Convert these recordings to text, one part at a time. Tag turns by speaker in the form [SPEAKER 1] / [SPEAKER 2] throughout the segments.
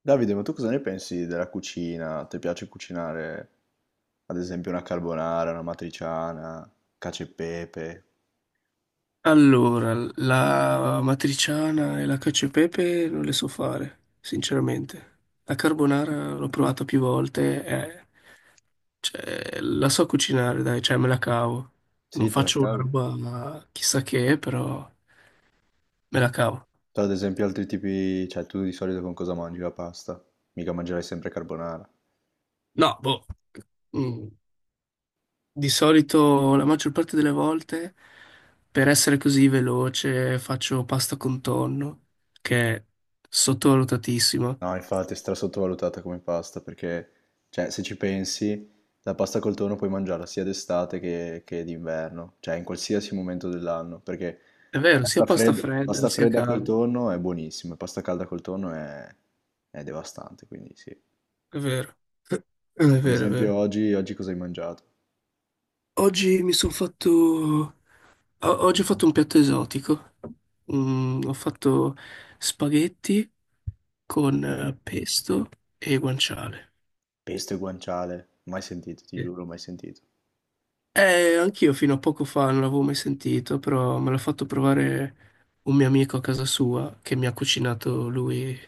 [SPEAKER 1] Davide, ma tu cosa ne pensi della cucina? Ti piace cucinare, ad esempio, una carbonara, una matriciana, cacio e pepe?
[SPEAKER 2] Allora, la matriciana e la cacio e pepe non le so fare, sinceramente. La carbonara l'ho provata più volte, cioè, la so cucinare, dai, cioè me la cavo.
[SPEAKER 1] Sì,
[SPEAKER 2] Non
[SPEAKER 1] te la
[SPEAKER 2] faccio una
[SPEAKER 1] cavi.
[SPEAKER 2] roba chissà che, però me la cavo.
[SPEAKER 1] Tu, ad esempio, altri tipi, cioè tu di solito con cosa mangi la pasta? Mica mangerai sempre carbonara.
[SPEAKER 2] No, boh. Mm, Di solito, la maggior parte delle volte, per essere così veloce, faccio pasta con tonno, che è sottovalutatissima.
[SPEAKER 1] No, infatti è stra sottovalutata come pasta perché, cioè, se ci pensi, la pasta col tonno puoi mangiarla sia d'estate che d'inverno, cioè in qualsiasi momento dell'anno, perché
[SPEAKER 2] È vero, sia pasta fredda
[SPEAKER 1] pasta
[SPEAKER 2] sia
[SPEAKER 1] fredda col
[SPEAKER 2] calda.
[SPEAKER 1] tonno è buonissima, pasta calda col tonno è devastante, quindi sì.
[SPEAKER 2] È vero, è
[SPEAKER 1] Ad
[SPEAKER 2] vero, è
[SPEAKER 1] esempio
[SPEAKER 2] vero.
[SPEAKER 1] oggi cosa hai mangiato?
[SPEAKER 2] Oggi mi sono fatto... o- Oggi ho fatto un piatto esotico. Ho fatto spaghetti con
[SPEAKER 1] Ok?
[SPEAKER 2] pesto e guanciale.
[SPEAKER 1] Pesto e guanciale, mai sentito, ti
[SPEAKER 2] Sì.
[SPEAKER 1] giuro, mai sentito.
[SPEAKER 2] Anch'io fino a poco fa non l'avevo mai sentito, però me l'ha fatto provare un mio amico a casa sua che mi ha cucinato lui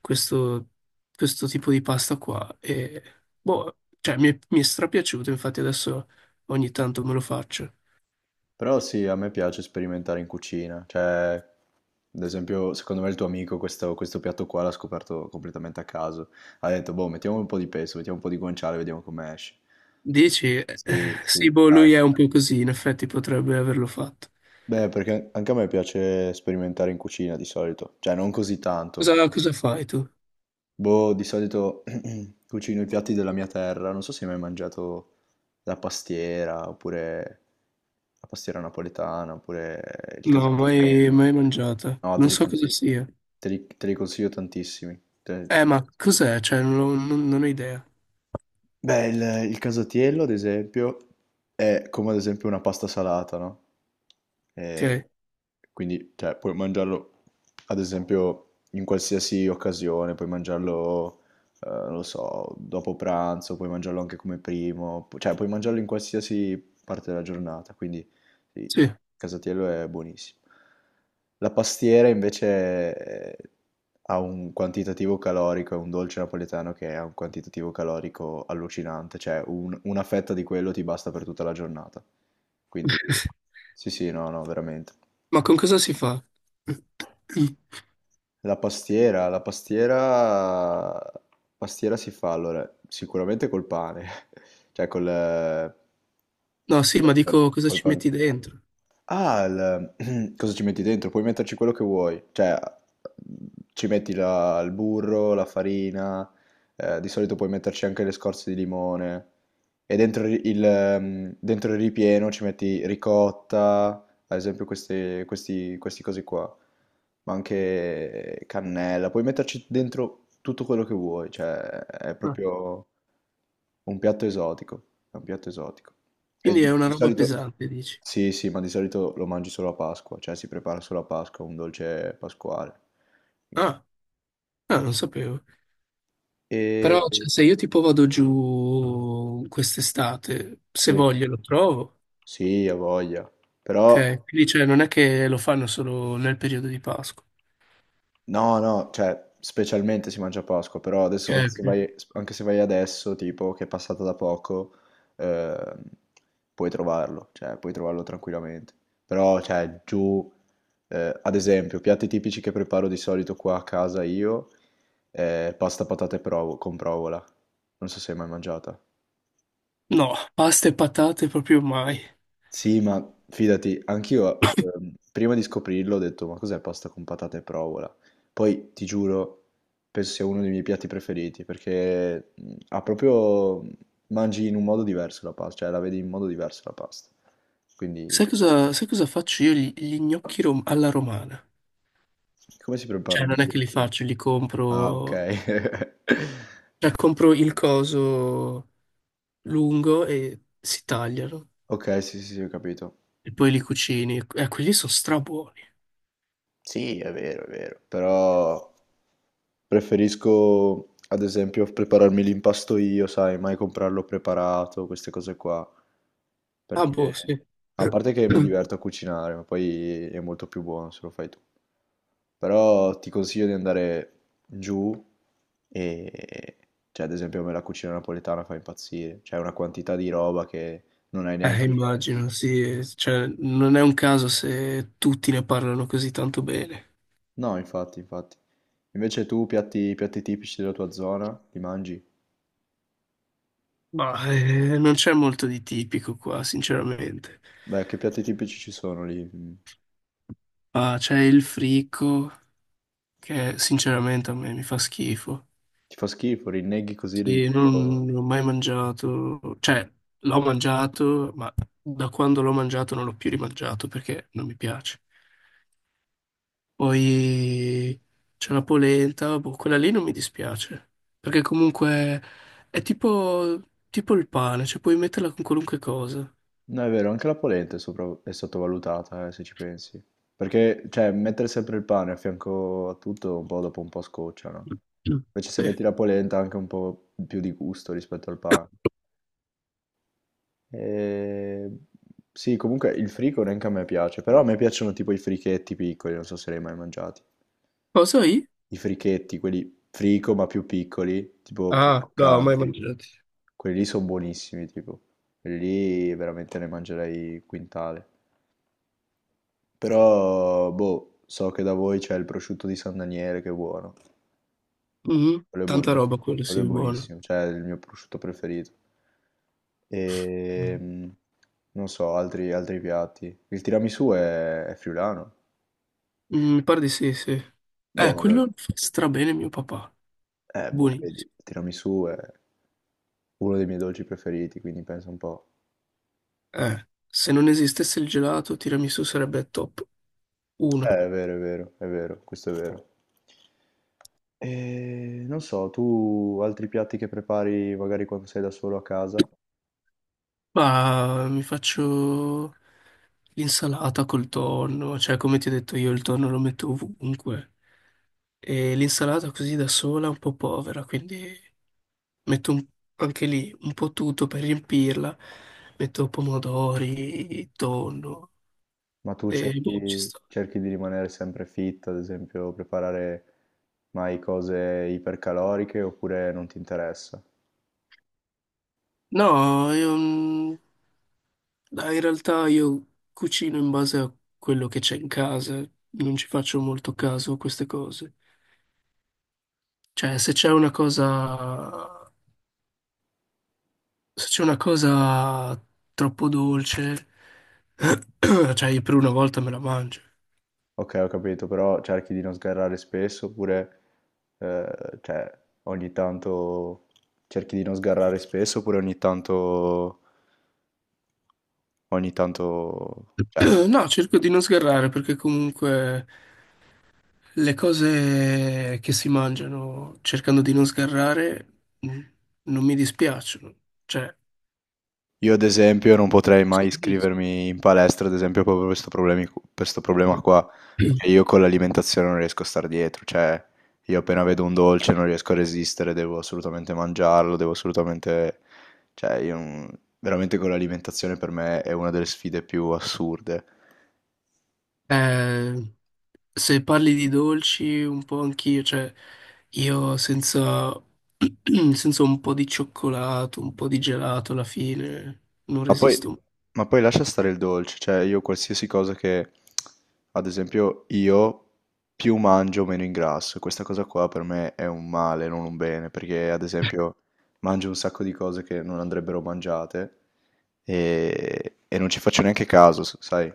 [SPEAKER 2] questo, questo tipo di pasta qua. E, boh, cioè, mi è strapiaciuto, infatti adesso ogni tanto me lo faccio.
[SPEAKER 1] Però sì, a me piace sperimentare in cucina, cioè, ad esempio, secondo me il tuo amico questo piatto qua l'ha scoperto completamente a caso. Ha detto, boh, mettiamo un po' di pesto, mettiamo un po' di guanciale, vediamo come esce.
[SPEAKER 2] Dici?
[SPEAKER 1] Sì, sì,
[SPEAKER 2] Sì, boh,
[SPEAKER 1] dai.
[SPEAKER 2] lui è un po' così, in effetti potrebbe averlo fatto.
[SPEAKER 1] Beh, perché anche a me piace sperimentare in cucina di solito, cioè non così tanto.
[SPEAKER 2] Cosa fai tu?
[SPEAKER 1] Boh, di solito cucino i piatti della mia terra, non so se hai mai mangiato la pastiera, oppure la pastiera napoletana, oppure il
[SPEAKER 2] No, mai,
[SPEAKER 1] casatiello.
[SPEAKER 2] mai mangiata.
[SPEAKER 1] No, te
[SPEAKER 2] Non
[SPEAKER 1] li
[SPEAKER 2] so cosa
[SPEAKER 1] consiglio,
[SPEAKER 2] sia.
[SPEAKER 1] te li consiglio tantissimi. Te li
[SPEAKER 2] Ma
[SPEAKER 1] consiglio.
[SPEAKER 2] cos'è? Cioè, non ho idea.
[SPEAKER 1] Beh, il casatiello, ad esempio, è come ad esempio una pasta salata, no? E
[SPEAKER 2] Ok,
[SPEAKER 1] quindi, cioè, puoi mangiarlo, ad esempio, in qualsiasi occasione, puoi mangiarlo, non lo so, dopo pranzo, puoi mangiarlo anche come primo, cioè, puoi mangiarlo in qualsiasi parte della giornata, quindi... Sì, il
[SPEAKER 2] sì.
[SPEAKER 1] casatiello è buonissimo. La pastiera invece eh, ha un quantitativo calorico, è un dolce napoletano che ha un quantitativo calorico allucinante, cioè una fetta di quello ti basta per tutta la giornata. Quindi sì, sì, no, no, veramente.
[SPEAKER 2] Ma con cosa si fa?
[SPEAKER 1] La pastiera si fa allora sicuramente col pane, cioè col, eh,
[SPEAKER 2] No, sì, ma dico cosa
[SPEAKER 1] col
[SPEAKER 2] ci
[SPEAKER 1] pan-
[SPEAKER 2] metti dentro?
[SPEAKER 1] Ah, cosa ci metti dentro? Puoi metterci quello che vuoi, cioè ci metti il burro, la farina, di solito puoi metterci anche le scorze di limone e dentro dentro il ripieno ci metti ricotta, ad esempio questi cosi qua, ma anche cannella, puoi metterci dentro tutto quello che vuoi, cioè è
[SPEAKER 2] No.
[SPEAKER 1] proprio un piatto esotico, è un piatto esotico. E
[SPEAKER 2] Quindi
[SPEAKER 1] di,
[SPEAKER 2] è una
[SPEAKER 1] di
[SPEAKER 2] roba
[SPEAKER 1] solito
[SPEAKER 2] pesante, dici?
[SPEAKER 1] sì, sì, ma di solito lo mangi solo a Pasqua, cioè si prepara solo a Pasqua, un dolce pasquale. Quindi-
[SPEAKER 2] Ah, ah, non sapevo.
[SPEAKER 1] E
[SPEAKER 2] Però cioè, se io tipo vado giù quest'estate, se
[SPEAKER 1] sì,
[SPEAKER 2] voglio lo trovo.
[SPEAKER 1] sì, ha voglia. Però.
[SPEAKER 2] Ok, quindi cioè non è che lo fanno solo nel periodo di Pasqua.
[SPEAKER 1] No, no, cioè, specialmente si mangia a Pasqua, però
[SPEAKER 2] Ok,
[SPEAKER 1] adesso, anche se
[SPEAKER 2] ok.
[SPEAKER 1] vai, anche se vai adesso, tipo, che è passata da poco, ehm, puoi trovarlo, cioè, puoi trovarlo tranquillamente. Però, cioè, giù, ad esempio, piatti tipici che preparo di solito qua a casa io, pasta patate con provola. Non so se hai mai mangiata.
[SPEAKER 2] No, pasta e patate proprio mai.
[SPEAKER 1] Sì, ma fidati, anch'io prima di scoprirlo ho detto, ma cos'è pasta con patate e provola? Poi, ti giuro, penso sia uno dei miei piatti preferiti, perché ha proprio... mangi in un modo diverso la pasta, cioè la vedi in modo diverso la pasta. Quindi,
[SPEAKER 2] Sai cosa faccio io? Alla romana.
[SPEAKER 1] come si
[SPEAKER 2] Cioè
[SPEAKER 1] preparano
[SPEAKER 2] non
[SPEAKER 1] i
[SPEAKER 2] è che li
[SPEAKER 1] gnocchi?
[SPEAKER 2] faccio, li
[SPEAKER 1] Ah,
[SPEAKER 2] compro...
[SPEAKER 1] ok.
[SPEAKER 2] Cioè compro il coso lungo e si tagliano.
[SPEAKER 1] Ok, sì, sì, sì, ho capito.
[SPEAKER 2] E poi li cucini. Quelli sono strabuoni.
[SPEAKER 1] Sì, è vero, però preferisco, ad esempio, prepararmi l'impasto io, sai, mai comprarlo preparato, queste cose qua,
[SPEAKER 2] Ah,
[SPEAKER 1] perché
[SPEAKER 2] boh, sì.
[SPEAKER 1] a parte che mi diverto a cucinare, ma poi è molto più buono se lo fai tu. Però ti consiglio di andare giù e, cioè, ad esempio, a me la cucina napoletana fa impazzire, c'è una quantità di roba che non hai neanche idea.
[SPEAKER 2] Immagino, sì. Cioè non è un caso se tutti ne parlano così tanto bene.
[SPEAKER 1] No, infatti, infatti. Invece tu piatti tipici della tua zona, li mangi?
[SPEAKER 2] Ma non c'è molto di tipico qua, sinceramente.
[SPEAKER 1] Beh, che piatti tipici ci sono lì? Mm.
[SPEAKER 2] Ah, c'è il fricco, che sinceramente a me mi fa schifo.
[SPEAKER 1] Ti fa schifo, rinneghi così li...
[SPEAKER 2] Sì,
[SPEAKER 1] oh.
[SPEAKER 2] non ho mai mangiato, cioè l'ho mangiato, ma da quando l'ho mangiato non l'ho più rimangiato perché non mi piace. Poi c'è la polenta, boh, quella lì non mi dispiace, perché comunque è tipo, tipo il pane, cioè puoi metterla con qualunque cosa.
[SPEAKER 1] No, è vero, anche la polenta è, è sottovalutata, se ci pensi. Perché, cioè, mettere sempre il pane a fianco a tutto, un po' dopo un po' scoccia, no?
[SPEAKER 2] Mm.
[SPEAKER 1] Invece se
[SPEAKER 2] Sì.
[SPEAKER 1] metti la polenta ha anche un po' più di gusto rispetto al pane. E... Sì, comunque il frico neanche a me piace, però a me piacciono tipo i frichetti piccoli, non so se li hai mai mangiati.
[SPEAKER 2] Cosa?
[SPEAKER 1] I frichetti, quelli frico ma più piccoli, tipo più
[SPEAKER 2] Ah, no, mai
[SPEAKER 1] croccanti.
[SPEAKER 2] mangiati.
[SPEAKER 1] Quelli lì sono buonissimi, tipo. Quelli lì veramente ne mangerei quintale. Però, boh, so che da voi c'è il prosciutto di San Daniele che è buono.
[SPEAKER 2] Mhm.
[SPEAKER 1] Quello è
[SPEAKER 2] Tanta roba
[SPEAKER 1] buonissimo.
[SPEAKER 2] quello,
[SPEAKER 1] Quello
[SPEAKER 2] sì,
[SPEAKER 1] è
[SPEAKER 2] buono.
[SPEAKER 1] buonissimo, cioè è il mio prosciutto preferito. E
[SPEAKER 2] No.
[SPEAKER 1] non so, altri piatti. Il tiramisù è friulano.
[SPEAKER 2] Mm. Mi pare di sì, sì.
[SPEAKER 1] Boh,
[SPEAKER 2] Quello
[SPEAKER 1] allora,
[SPEAKER 2] lo fa strabene mio papà.
[SPEAKER 1] boh, vedi,
[SPEAKER 2] Buonissimo.
[SPEAKER 1] il tiramisù è uno dei miei dolci preferiti, quindi pensa un po'.
[SPEAKER 2] Se non esistesse il gelato, tiramisù sarebbe top 1.
[SPEAKER 1] È vero, è vero, è vero, questo è vero. E non so, tu altri piatti che prepari magari quando sei da solo a casa,
[SPEAKER 2] Ma mi faccio l'insalata col tonno, cioè come ti ho detto io il tonno lo metto ovunque. E l'insalata così da sola è un po' povera, quindi metto un- anche lì un po' tutto per riempirla. Metto pomodori, tonno
[SPEAKER 1] ma tu
[SPEAKER 2] e boh, ci
[SPEAKER 1] cerchi,
[SPEAKER 2] sta.
[SPEAKER 1] cerchi di rimanere sempre fit, ad esempio, preparare mai cose ipercaloriche oppure non ti interessa?
[SPEAKER 2] No, io, mm, dai, in realtà io cucino in base a quello che c'è in casa, non ci faccio molto caso a queste cose. Cioè, se c'è una cosa troppo dolce, cioè, io per una volta me la mangio.
[SPEAKER 1] Ok, ho capito, però cerchi di non sgarrare spesso oppure, cioè, ogni tanto cerchi di non sgarrare spesso oppure ogni tanto, cioè,
[SPEAKER 2] No, cerco di non sgarrare perché comunque le cose che si mangiano, cercando di non sgarrare, non mi dispiacciono. Cioè,
[SPEAKER 1] io ad esempio non potrei mai
[SPEAKER 2] sì.
[SPEAKER 1] iscrivermi in palestra, ad esempio proprio per sto problema qua, perché io con l'alimentazione non riesco a star dietro, cioè io appena vedo un dolce non riesco a resistere, devo assolutamente mangiarlo, devo assolutamente... cioè io non- veramente con l'alimentazione per me è una delle sfide più assurde.
[SPEAKER 2] eh, Se parli di dolci, un po' anch'io, cioè, io senza, senza un po' di cioccolato, un po' di gelato alla fine, non
[SPEAKER 1] Ma poi,
[SPEAKER 2] resisto.
[SPEAKER 1] ma poi lascia stare il dolce, cioè io qualsiasi cosa che, ad esempio, io più mangio meno ingrasso, questa cosa qua per me è un male, non un bene, perché ad esempio mangio un sacco di cose che non andrebbero mangiate e non ci faccio neanche caso, sai?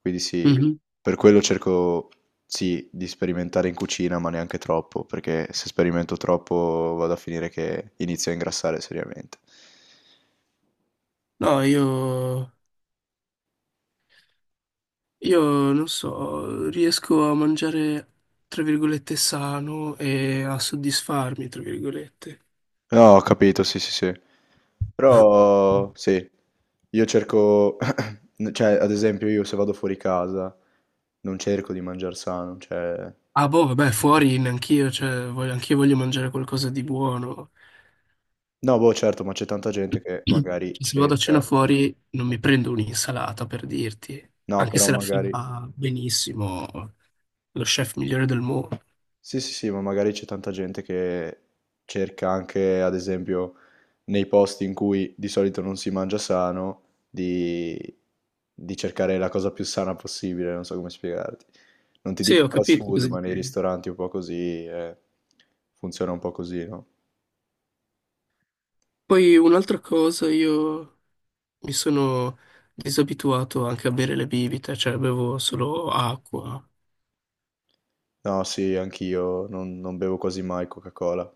[SPEAKER 1] Quindi sì,
[SPEAKER 2] Mhm.
[SPEAKER 1] per quello cerco, sì, di sperimentare in cucina, ma neanche troppo, perché se sperimento troppo vado a finire che inizio a ingrassare seriamente.
[SPEAKER 2] No, io Io non so, riesco a mangiare, tra virgolette, sano e a soddisfarmi, tra virgolette.
[SPEAKER 1] No, ho capito, sì, sì, sì. Però, sì, io cerco, cioè, ad esempio, io se vado fuori casa non cerco di mangiare sano, cioè...
[SPEAKER 2] Ah, boh, vabbè, fuori neanch'io, cioè, anch'io voglio mangiare qualcosa di buono.
[SPEAKER 1] No, boh, certo, ma c'è tanta gente che
[SPEAKER 2] Cioè,
[SPEAKER 1] magari
[SPEAKER 2] se vado a cena
[SPEAKER 1] cerca.
[SPEAKER 2] fuori, non mi prendo un'insalata, per dirti,
[SPEAKER 1] No,
[SPEAKER 2] anche
[SPEAKER 1] però
[SPEAKER 2] se la
[SPEAKER 1] magari...
[SPEAKER 2] fa benissimo lo chef migliore del mondo.
[SPEAKER 1] Sì, sì, sì, ma magari c'è tanta gente che cerca anche, ad esempio, nei posti in cui di solito non si mangia sano, di, di cercare la cosa più sana possibile, non so come spiegarti. Non ti
[SPEAKER 2] Sì,
[SPEAKER 1] dico
[SPEAKER 2] ho
[SPEAKER 1] fast
[SPEAKER 2] capito
[SPEAKER 1] food,
[SPEAKER 2] cosa
[SPEAKER 1] ma nei
[SPEAKER 2] intendi.
[SPEAKER 1] ristoranti un po' così, funziona un po' così, no?
[SPEAKER 2] Poi un'altra cosa, io Mi sono disabituato anche a bere le bibite, cioè bevo solo acqua,
[SPEAKER 1] No, sì, anch'io non bevo quasi mai Coca-Cola.